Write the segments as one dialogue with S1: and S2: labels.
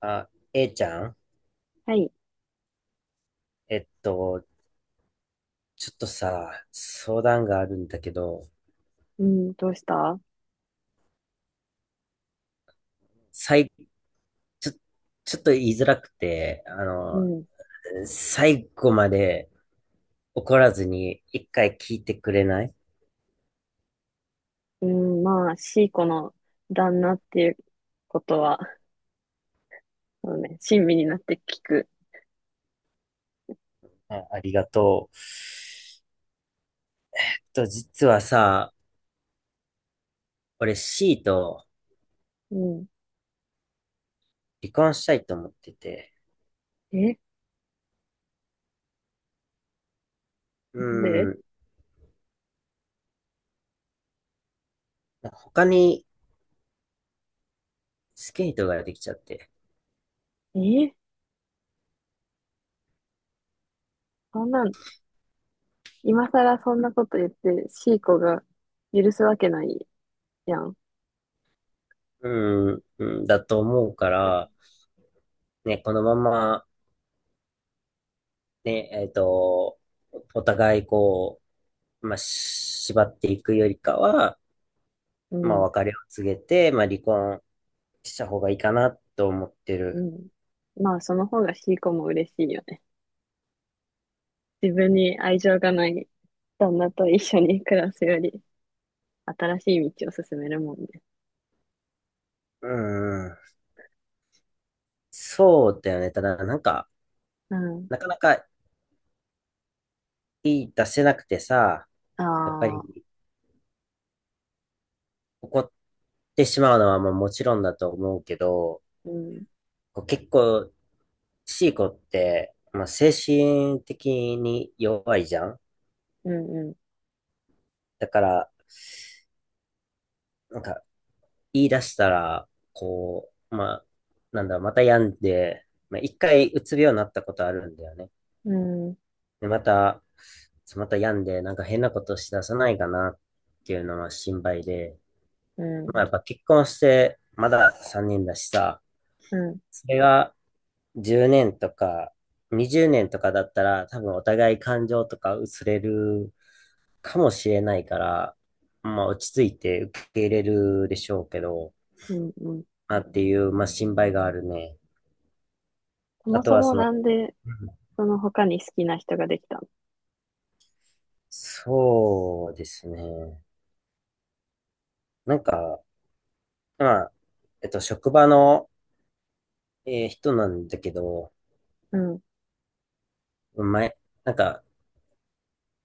S1: あ、A ちゃん、
S2: はい。
S1: えっと、ちょっとさ、相談があるんだけど、
S2: うん、どうした？
S1: 最、ちょ、ちょっと言いづらくて、
S2: うん。
S1: 最後まで怒らずに一回聞いてくれない？
S2: うん、まあ、シーコの旦那っていうことは、そうね、親身になって聞く。
S1: あ、ありがとう。と、実はさ、俺 C と
S2: うん。
S1: 離婚したいと思ってて、
S2: え、
S1: う
S2: なんで？
S1: ん、他にスケートができちゃって、
S2: えそんなん、今更そんなこと言って、シーコが許すわけないやん。
S1: うん、うんだと思うから、ね、このままね、えっと、お互いし縛っていくよりかは、
S2: う
S1: まあ、
S2: ん、
S1: 別れを告げて、まあ、離婚した方がいいかなと思って
S2: う
S1: る。
S2: ん。まあ、その方がシーコも嬉しいよね。自分に愛情がない旦那と一緒に暮らすより、新しい道を進めるもんね。
S1: うん、そうだよね。ただ、なんか、
S2: うん。
S1: なかなか言い出せなくてさ、やっぱ
S2: ああ、
S1: り怒ってしまうのはまあもちろんだと思うけど、
S2: うん、
S1: こう結構、シーコって、まあ、精神的に弱いじゃん。
S2: うん、
S1: だから、なんか、言い出したら、こう、まあ、なんだろう、また病んで、まあ、一回うつ病になったことあるんだよね。
S2: うん、うん。
S1: で、また、また病んで、なんか変なことしださないかなっていうのは心配で、
S2: う
S1: まあ、
S2: ん、
S1: やっぱ結婚して、まだ3年だしさ、
S2: うん、
S1: それが10年とか20年とかだったら、多分お互い感情とか薄れるかもしれないから、まあ、落ち着いて受け入れるでしょうけど、
S2: うん、うん。
S1: なっていう、まあ、心配があるね。
S2: そ
S1: あ
S2: も
S1: と
S2: そ
S1: は、そ
S2: も
S1: の、
S2: なんで、
S1: うん、
S2: その他に好きな人ができたの？
S1: そうですね。なんか、まあ、職場の、人なんだけど、
S2: うん、
S1: 前、なんか、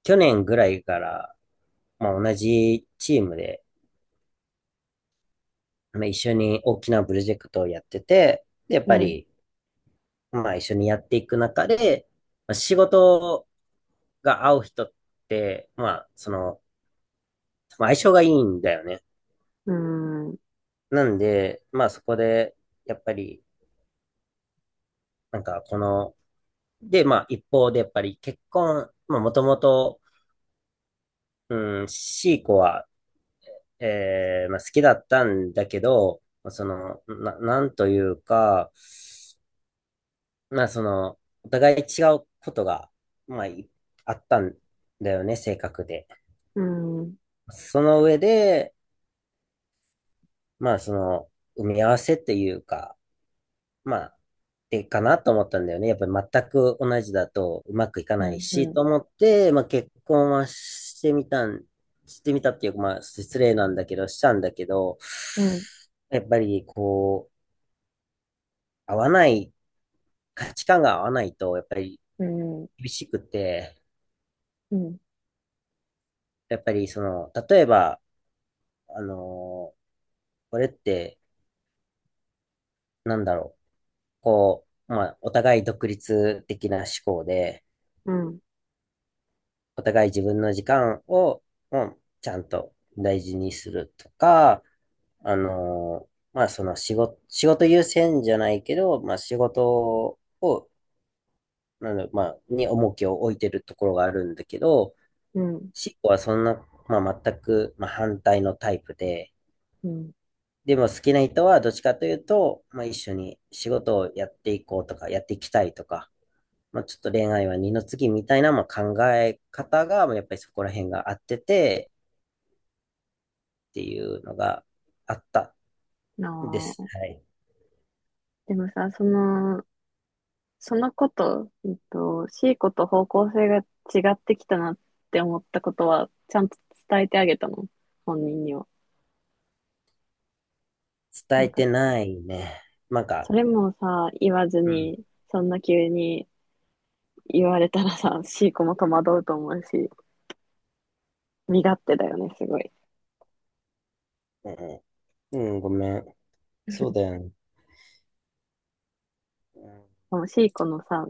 S1: 去年ぐらいから、まあ、同じチームで、まあ、一緒に大きなプロジェクトをやってて、で、やっ
S2: う
S1: ぱ
S2: ん、
S1: り、まあ、一緒にやっていく中で、まあ、仕事が合う人って、まあ、その、まあ相性がいいんだよね。
S2: うん、
S1: なんで、まあそこで、やっぱり、なんかこの、で、まあ一方でやっぱり結婚、まあもともと、うん、C 子は、まあ好きだったんだけど、その、なんというか、まあその、お互い違うことが、まあいあったんだよね、性格で。
S2: うん、うん、
S1: その上で、まあその、埋め合わせっていうか、まあてかなと思ったんだよね。やっぱり全く同じだとうまくいか
S2: う
S1: ないし、
S2: ん、
S1: と思って、まあ結婚はしてみたん、してみたっていうか、まあ失礼なんだけど、したんだけど、
S2: うん、
S1: やっぱりこう、合わない、価値観が合わないと、やっぱり
S2: うん、うん、
S1: 厳しくて、
S2: うん、
S1: やっぱりその、例えば、あのーこれって、なんだろう。こう、まあ、お互い独立的な思考で、お互い自分の時間を、うんちゃんと大事にするとか、あのーまあ、その仕事優先じゃないけど、まあ、仕事を、なんだろうまあ、に重きを置いてるところがあるんだけど、
S2: うん、
S1: シコはそんな、まあ、全く、まあ、反対のタイプで、
S2: うん。
S1: でも好きな人はどっちかというと、まあ、一緒に仕事をやっていこうとか、やっていきたいとか、まあ、ちょっと恋愛は二の次みたいな、まあ、考え方が、まあやっぱりそこら辺が合ってて、っていうのがあったんで
S2: な
S1: す。
S2: あ。
S1: はい。
S2: でもさ、その、その子と、C 子と方向性が違ってきたなって思ったことは、ちゃんと伝えてあげたの、本人には？な
S1: 伝
S2: ん
S1: え
S2: か、
S1: てないね。なんか、
S2: それもさ、言わず
S1: うん、
S2: に、そんな急に言われたらさ、C 子も戸惑うと思うし。身勝手だよね、すごい。
S1: うん、うん、ごめん。そうだよね。うん、
S2: もうシーコのさ、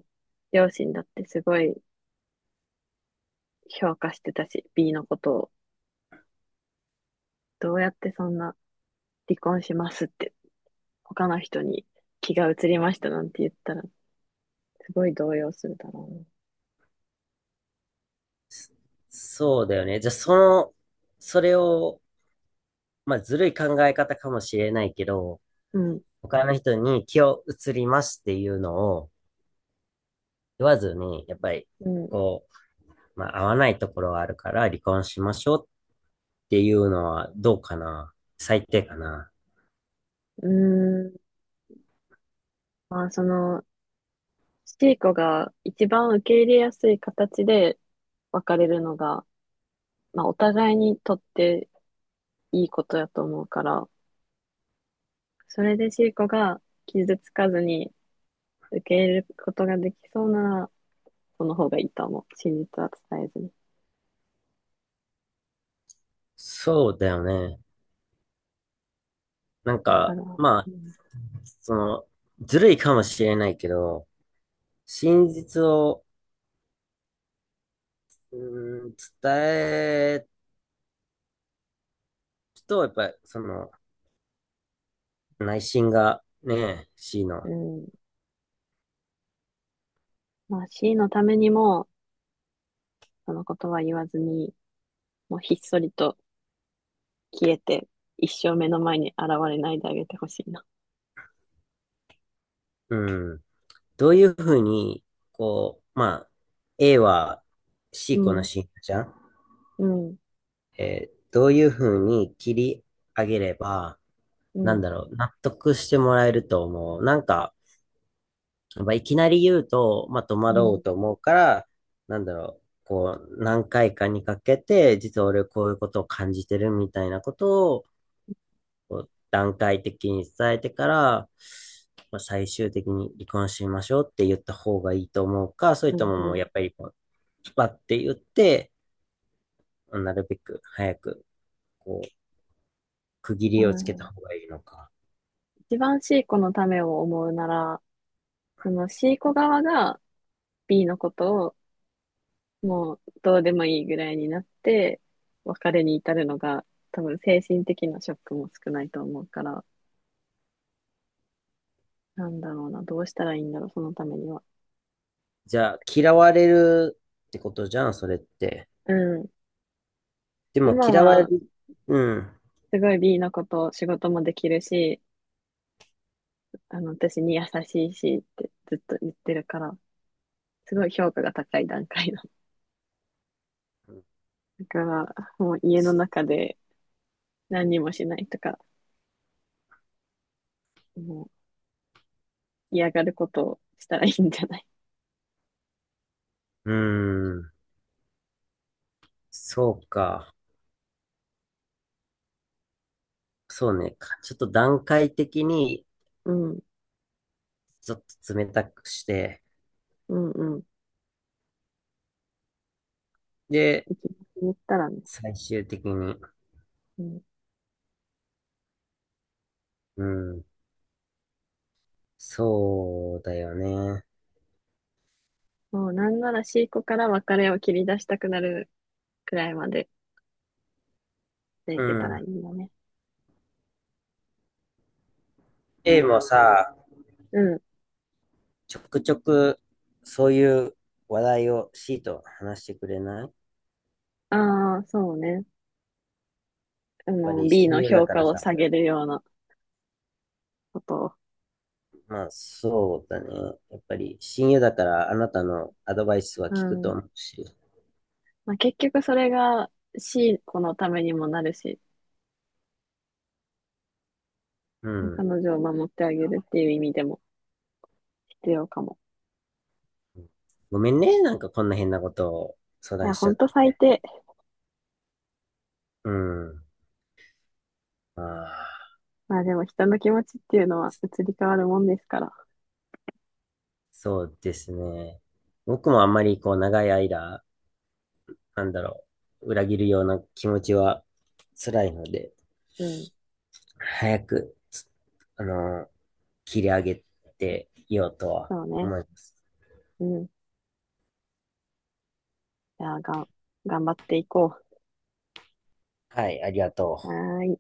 S2: 両親だってすごい評価してたし、B のことを。どうやってそんな、離婚しますって、他の人に気が移りましたなんて言ったら、すごい動揺するだろうね。
S1: そ、そうだよね。じゃあ、その、それを、まあ、ずるい考え方かもしれないけど、
S2: うん、
S1: 他の人に気を移りますっていうのを言わずに、やっぱり、
S2: う
S1: こう、まあ、合わないところはあるから離婚しましょうっていうのはどうかな。最低かな。
S2: ん、うーん。まあ、その、シーコが一番受け入れやすい形で別れるのが、まあ、お互いにとっていいことだと思うから、それでシーコが傷つかずに、受け入れることができそうなら、その方がいいと思う。真実は伝えずに。
S1: そうだよね。なん
S2: だから、
S1: か、ま
S2: う
S1: あ、
S2: ん、
S1: その、ずるいかもしれないけど、真実を、うーん、伝えると、やっぱり、その、内心がね、C
S2: う
S1: の、
S2: ん、まあ C のためにも、そのことは言わずに、もうひっそりと消えて、一生目の前に現れないであげてほしいな。
S1: うん、どういうふうに、こう、まあ、A は
S2: う
S1: C 子の
S2: ん、
S1: 信者じゃん、
S2: うん、
S1: どういうふうに切り上げれば、
S2: う
S1: なん
S2: ん、
S1: だろう、納得してもらえると思う？なんか、まあ、いきなり言うと、まあ、戸
S2: う
S1: 惑う
S2: ん、
S1: と思うから、なんだろう、こう、何回かにかけて、実は俺こういうことを感じてるみたいなことを、こう段階的に伝えてから、まあ、最終的に離婚しましょうって言った方がいいと思うか、それ
S2: う
S1: と
S2: ん、
S1: も
S2: う
S1: もう
S2: ん。
S1: やっぱりこう、スパって言って、なるべく早く、こう、区切
S2: う
S1: りをつけた
S2: ん、
S1: 方がいいのか。
S2: 一番 C 子のためを思うなら、その C 子側が B のことをもうどうでもいいぐらいになって、別れに至るのが、多分精神的なショックも少ないと思うから、なんだろうな、どうしたらいいんだろう、そのためには。
S1: じゃあ、嫌われるってことじゃん、それって。
S2: うん。
S1: でも
S2: 今
S1: 嫌われ
S2: は、
S1: る、うん、
S2: すごい B のこと、仕事もできるし、あの、私に優しいしってずっと言ってるから、すごい評価が高い段階だ。だから、もう家の中で何にもしないとか、もう嫌がることをしたらいいんじゃない？
S1: うん。そうか。そうね。かちょっと段階的に、
S2: うん、
S1: ちょっと冷たくして、
S2: うん、うん。
S1: で、
S2: 生き残ったらね。
S1: 最終的に、
S2: うん、
S1: うん、そうだよね。
S2: もうなんなら C 子から別れを切り出したくなるくらいまででい
S1: う
S2: けたらい
S1: ん。
S2: いよね。
S1: A もさ、
S2: うん。
S1: ちょくちょく、そういう話題を C と話してくれない？やっ
S2: ああ、そうね。あ
S1: ぱ
S2: の、
S1: り
S2: B
S1: 親
S2: の
S1: 友だ
S2: 評
S1: か
S2: 価
S1: ら
S2: を下
S1: さ。
S2: げるようなことを。
S1: まあ、そうだね。やっぱり親友だから、あなたのアドバイスは
S2: う
S1: 聞くと
S2: ん。
S1: 思うし。
S2: まあ、結局それが C 子のためにもなるし、
S1: う
S2: 彼
S1: ん。
S2: 女を守ってあげるっていう意味でも必要かも。
S1: ごめんね。なんかこんな変なことを相
S2: いや、
S1: 談し
S2: ほ
S1: ちゃ
S2: ん
S1: っ
S2: と最
S1: て。
S2: 低。
S1: うん。ああ、
S2: まあでも人の気持ちっていうのは移り変わるもんですから。
S1: そうですね。僕もあんまりこう長い間、なんだろう、裏切るような気持ちは辛いので、
S2: うん。
S1: 早く、あの、切り上げていようとは
S2: そうね。
S1: 思います。
S2: うん。じゃあ、がん、頑張っていこ
S1: はい、ありがと
S2: う。
S1: う。
S2: はーい。